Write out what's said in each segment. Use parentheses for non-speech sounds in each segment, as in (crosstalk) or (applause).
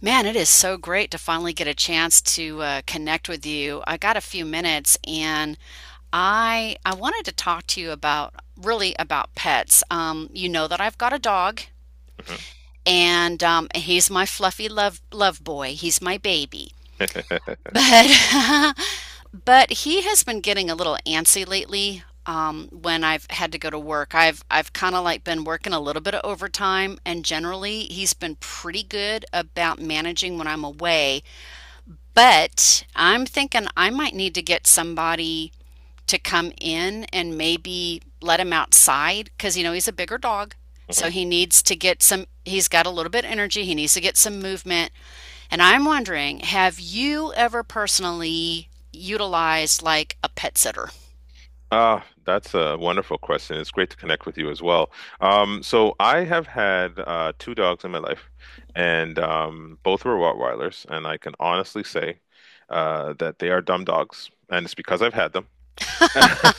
Man, it is so great to finally get a chance to connect with you. I got a few minutes and I wanted to talk to you about really about pets. You know that I've got a dog Hmm. and he's my fluffy love boy. He's my baby. But (laughs) but he has been getting a little antsy lately when I've had to go to work. I've kind of like been working a little bit of overtime and generally he's been pretty good about managing when I'm away, but I'm thinking I might need to get somebody to come in and maybe let him outside because, you know, he's a bigger dog. Hmm. So he needs to get some, he's got a little bit of energy. He needs to get some movement. And I'm wondering, have you ever personally utilized like a pet sitter? Ah, that's a wonderful question. It's great to connect with you as well. So I have had two dogs in my life, and both were Rottweilers, and I can honestly say that they are dumb dogs, and it's because I've had them, (laughs)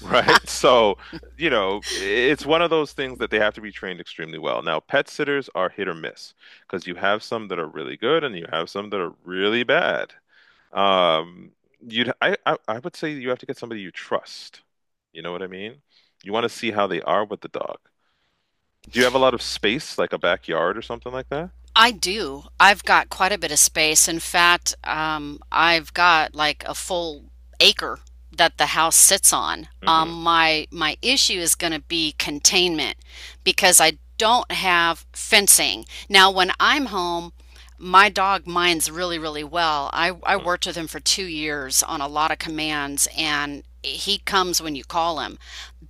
right? So, it's one of those things that they have to be trained extremely well. Now, pet sitters are hit or miss because you have some that are really good, and you have some that are really bad. Um, you'd I would say you have to get somebody you trust. You know what I mean? You want to see how they are with the dog. Do you have a lot of space, like a backyard or something like that? I do. I've got quite a bit of space. In fact, I've got like a full acre that the house sits on. Mm-hmm. My issue is going to be containment because I don't have fencing. Now, when I'm home, my dog minds really, really well. I worked with him for 2 years on a lot of commands, and he comes when you call him.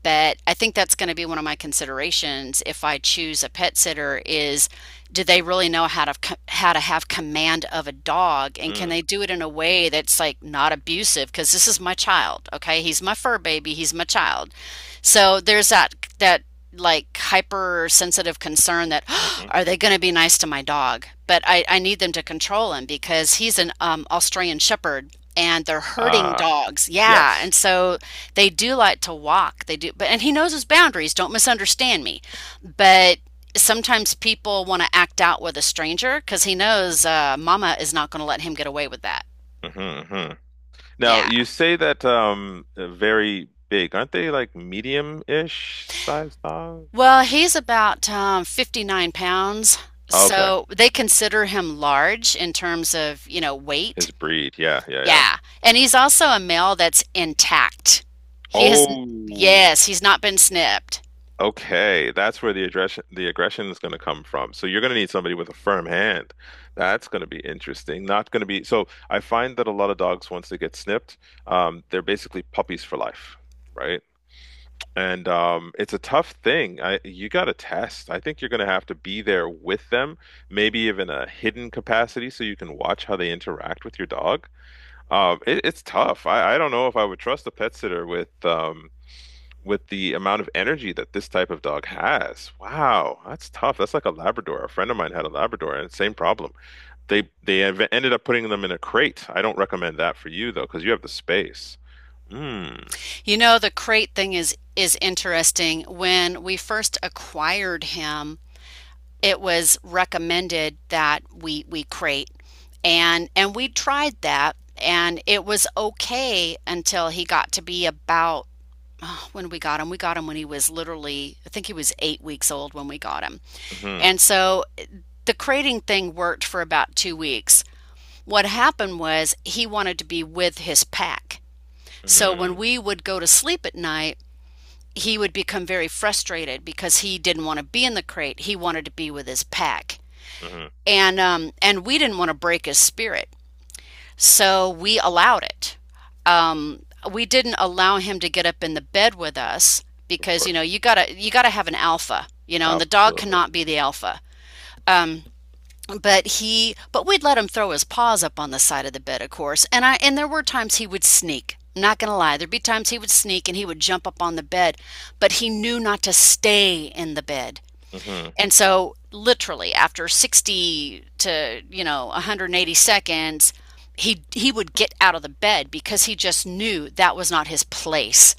But I think that's going to be one of my considerations if I choose a pet sitter is do they really know how to how to have command of a dog, and can Hmm. they do it in a way that's like not abusive, because this is my child. Okay, he's my fur baby, he's my child. So there's that, that like hypersensitive concern that (gasps) oh, Hmm. are they going to be nice to my dog? But I need them to control him because he's an Australian Shepherd and they're herding Ah, dogs. Yeah, and yes. so they do like to walk. They do, but and he knows his boundaries. Don't misunderstand me. But sometimes people want to act out with a stranger because he knows Mama is not going to let him get away with that. Hmm. Hmm. Now Yeah. you say that very big, aren't they like medium-ish size dog? Well, he's about 59 pounds, Okay, so they consider him large in terms of, you know, weight. his breed. Yeah, yeah, yeah. Yeah. And he's also a male that's intact. He has, Oh, yes, he's not been snipped. okay, that's where the aggression is going to come from. So you're going to need somebody with a firm hand. That's going to be interesting. Not going to be so. I find that a lot of dogs, once they get snipped, they're basically puppies for life, right? And it's a tough thing. I You got to test. I think you're going to have to be there with them, maybe even a hidden capacity, so you can watch how they interact with your dog. It's tough. I don't know if I would trust a pet sitter with with the amount of energy that this type of dog has. Wow, that's tough. That's like a Labrador. A friend of mine had a Labrador and same problem. They ended up putting them in a crate. I don't recommend that for you though, because you have the space. Mm. You know, the crate thing is interesting. When we first acquired him, it was recommended that we crate. And we tried that and it was okay until he got to be about (sighs) oh, when we got him when he was literally, I think he was 8 weeks old when we got him. Mm-hmm. And so the crating thing worked for about 2 weeks. What happened was he wanted to be with his pack. So when Mm-hmm. we would go to sleep at night, he would become very frustrated because he didn't want to be in the crate. He wanted to be with his pack. Mm-hmm. And we didn't want to break his spirit. So we allowed it. Um, we didn't allow him to get up in the bed with us Of because you know course. you gotta have an alpha, you know, and the dog Absolutely. cannot be the alpha. But he, but we'd let him throw his paws up on the side of the bed, of course. And I and there were times he would sneak. I'm not gonna lie, there'd be times he would sneak and he would jump up on the bed, but he knew not to stay in the bed. Mm-hmm. And so, literally, after 60 to, you know, 180 seconds, he would get out of the bed because he just knew that was not his place.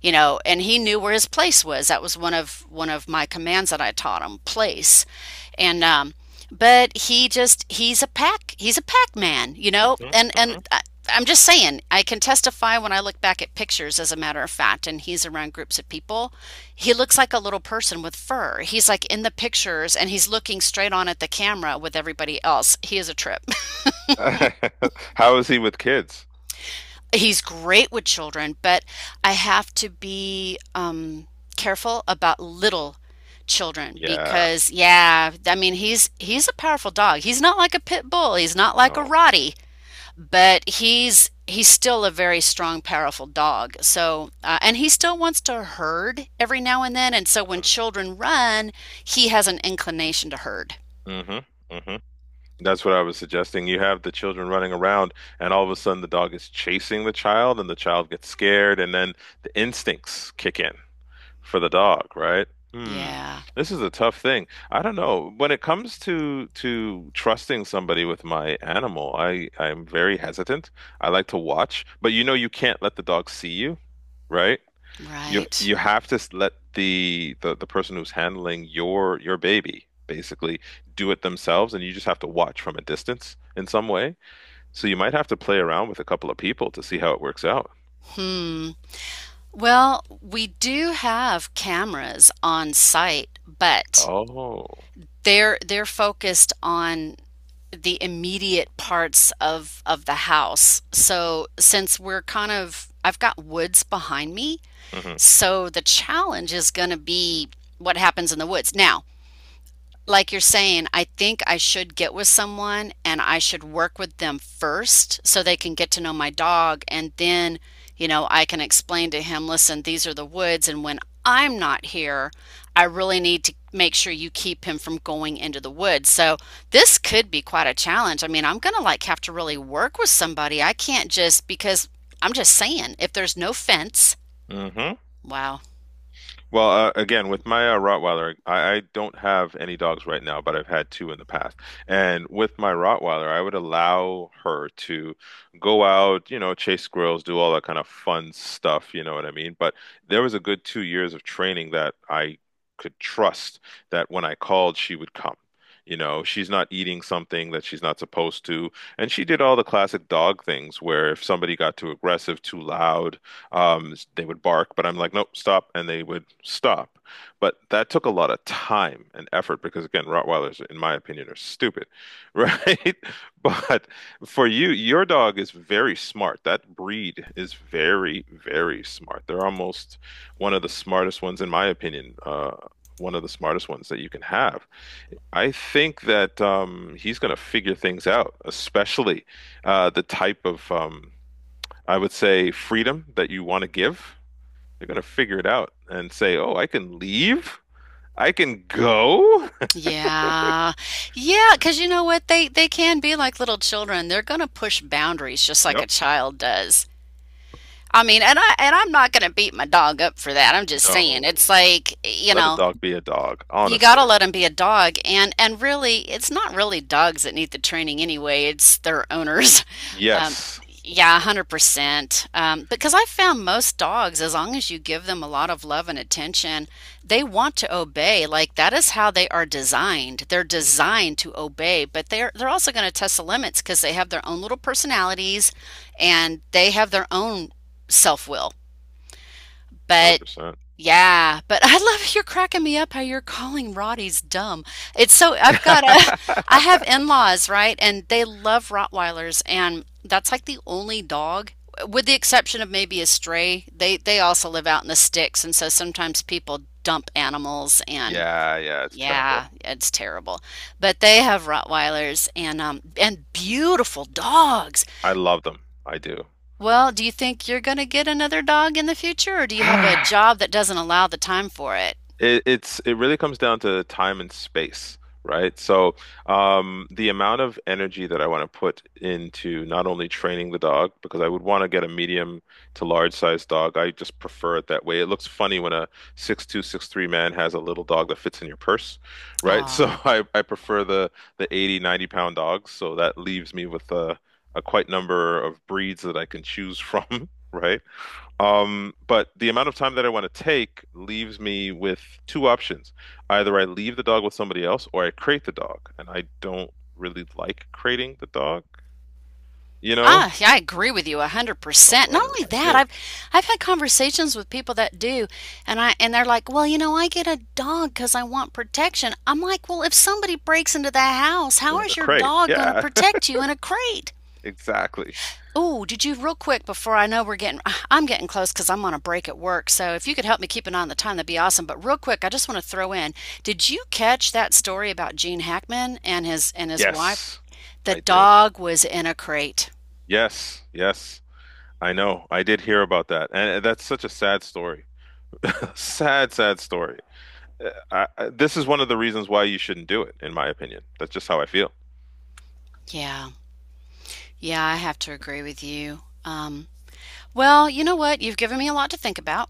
You know, and he knew where his place was. That was one of my commands that I taught him, place. And but he just he's a pack man, you know, Mm-hmm. and I'm just saying I can testify when I look back at pictures, as a matter of fact, and he's around groups of people, he looks like a little person with fur. He's like in the pictures and he's looking straight on at the camera with everybody else. He is a trip. (laughs) Mm-hmm. (laughs) How is he with kids? He's great with children, but I have to be careful about little children Yeah. because yeah, I mean he's a powerful dog. He's not like a pit bull. He's not like a No. Rottie. But he's still a very strong, powerful dog. So, and he still wants to herd every now and then. And so, when Mm-hmm. children run, he has an inclination to herd. Mm-hmm. Mm-hmm. That's what I was suggesting. You have the children running around, and all of a sudden the dog is chasing the child, and the child gets scared, and then the instincts kick in for the dog, right? Hmm. Yeah, This is a tough thing. I don't know. When it comes to trusting somebody with my animal, I'm very hesitant. I like to watch, but you know you can't let the dog see you, right? you right. you have to let the person who's handling your baby basically do it themselves, and you just have to watch from a distance in some way. So you might have to play around with a couple of people to see how it works out. Hmm. Well, we do have cameras on site, but Oh. they're focused on the immediate parts of the house. So, since we're kind of I've got woods behind me, so the challenge is going to be what happens in the woods. Now, like you're saying, I think I should get with someone and I should work with them first so they can get to know my dog. And then, you know, I can explain to him, listen, these are the woods. And when I'm not here, I really need to make sure you keep him from going into the woods. So this could be quite a challenge. I mean, I'm going to like have to really work with somebody. I can't just because I'm just saying, if there's no fence, Mm-hmm. wow. Well, again, with my Rottweiler, I don't have any dogs right now, but I've had two in the past. And with my Rottweiler, I would allow her to go out, chase squirrels, do all that kind of fun stuff, you know what I mean? But there was a good 2 years of training that I could trust that when I called, she would come. You know, she's not eating something that she's not supposed to. And she did all the classic dog things where if somebody got too aggressive, too loud, they would bark, but I'm like, nope, stop, and they would stop. But that took a lot of time and effort because, again, Rottweilers, in my opinion, are stupid, (laughs) right? But for you, your dog is very smart. That breed is very, very smart. They're almost one of the smartest ones, in my opinion, one of the smartest ones that you can have. I think that he's going to figure things out, especially the type of, I would say, freedom that you want to give. They're gonna figure it out and say, "Oh, I can leave. I can go." (laughs) Yeah. Yeah, because you know what? They can be like little children. They're gonna push boundaries just like a Yep. child does. I mean, and I and I'm not gonna beat my dog up for that. I'm just saying. It's No. like, you Let a know, dog be a dog, you got to honestly. let them be a dog, and really it's not really dogs that need the training anyway, it's their owners. (laughs) um, Yes. yeah, 100%. Because I found most dogs, as long as you give them a lot of love and attention, they want to obey. Like that is how they are designed. They're Hmm. designed to obey, but they're also going to test the limits because they have their own little personalities and they have their own self-will. But 100%. yeah, but I love you're cracking me up how you're calling Rotties dumb. It's so I've got a (laughs) (laughs) I have in-laws, right? And they love Rottweilers and that's like the only dog with the exception of maybe a stray. They also live out in the sticks and so sometimes people dump animals and Yeah, yeah, it's yeah, terrible. it's terrible. But they have Rottweilers and beautiful dogs. I love them. I do. Well, do you think you're going to get another dog in the future or do you have a (sighs) job that doesn't allow the time for it? It really comes down to time and space, right? So, the amount of energy that I want to put into not only training the dog, because I would want to get a medium to large size dog. I just prefer it that way. It looks funny when a 6'2", 6'3" man has a little dog that fits in your purse, right? (laughs) So Ah, I prefer the 80, 90 pound dogs. So that leaves me with a quite number of breeds that I can choose from, (laughs) right? But the amount of time that I want to take leaves me with two options. Either I leave the dog with somebody else or I crate the dog. And I don't really like crating the dog, you know? ah, yeah, I agree with you Don't 100%. Not really only like that, it. I've had conversations with people that do and I and they're like, "Well, you know, I get a dog 'cause I want protection." I'm like, "Well, if somebody breaks into the house, how They're in is the your crate. dog going to Yeah, protect you in a crate?" (laughs) exactly. Oh, did you real quick before I know we're getting (sighs) I'm getting close 'cause I'm on a break at work. So if you could help me keep an eye on the time, that'd be awesome. But real quick, I just want to throw in, did you catch that story about Gene Hackman and his wife? Yes, The I did. dog was in a crate. Yes, yes. I know. I did hear about that. And that's such a sad story. (laughs) Sad, sad story. This is one of the reasons why you shouldn't do it, in my opinion. That's just how I feel. Yeah. Yeah, I have to agree with you. Well, you know what? You've given me a lot to think about.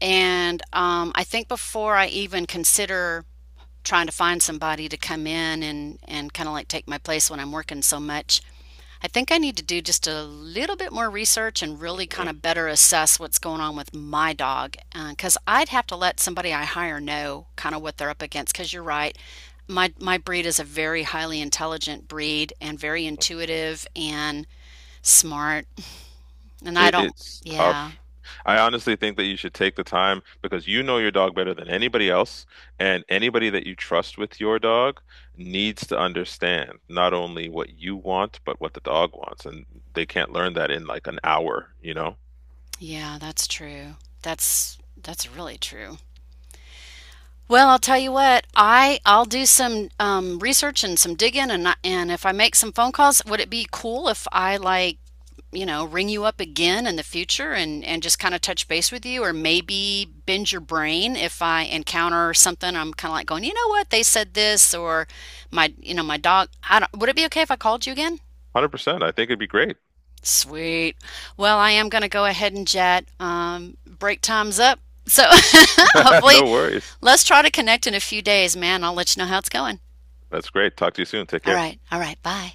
And I think before I even consider trying to find somebody to come in and kind of like take my place when I'm working so much, I think I need to do just a little bit more research and really kind of better assess what's going on with my dog. Because I'd have to let somebody I hire know kind of what they're up against. Because you're right, my breed is a very highly intelligent breed and very intuitive and smart and I It, don't, it's yeah, tough. I honestly think that you should take the time because you know your dog better than anybody else, and anybody that you trust with your dog needs to understand not only what you want, but what the dog wants. And they can't learn that in like an hour, you know? yeah, that's true. That's really true. Well, I'll tell you what, I'll do some research and some digging, and and if I make some phone calls, would it be cool if I like you know ring you up again in the future and just kind of touch base with you, or maybe bend your brain if I encounter something I'm kind of like going, you know what, they said this, or my you know my dog. I don't. Would it be okay if I called you again? 100%. I think it'd be great. Sweet. Well, I am going to go ahead and jet. Break time's up. So (laughs) (laughs) hopefully, No worries. let's try to connect in a few days, man. I'll let you know how it's going. That's great. Talk to you soon. Take All care. right. All right. Bye.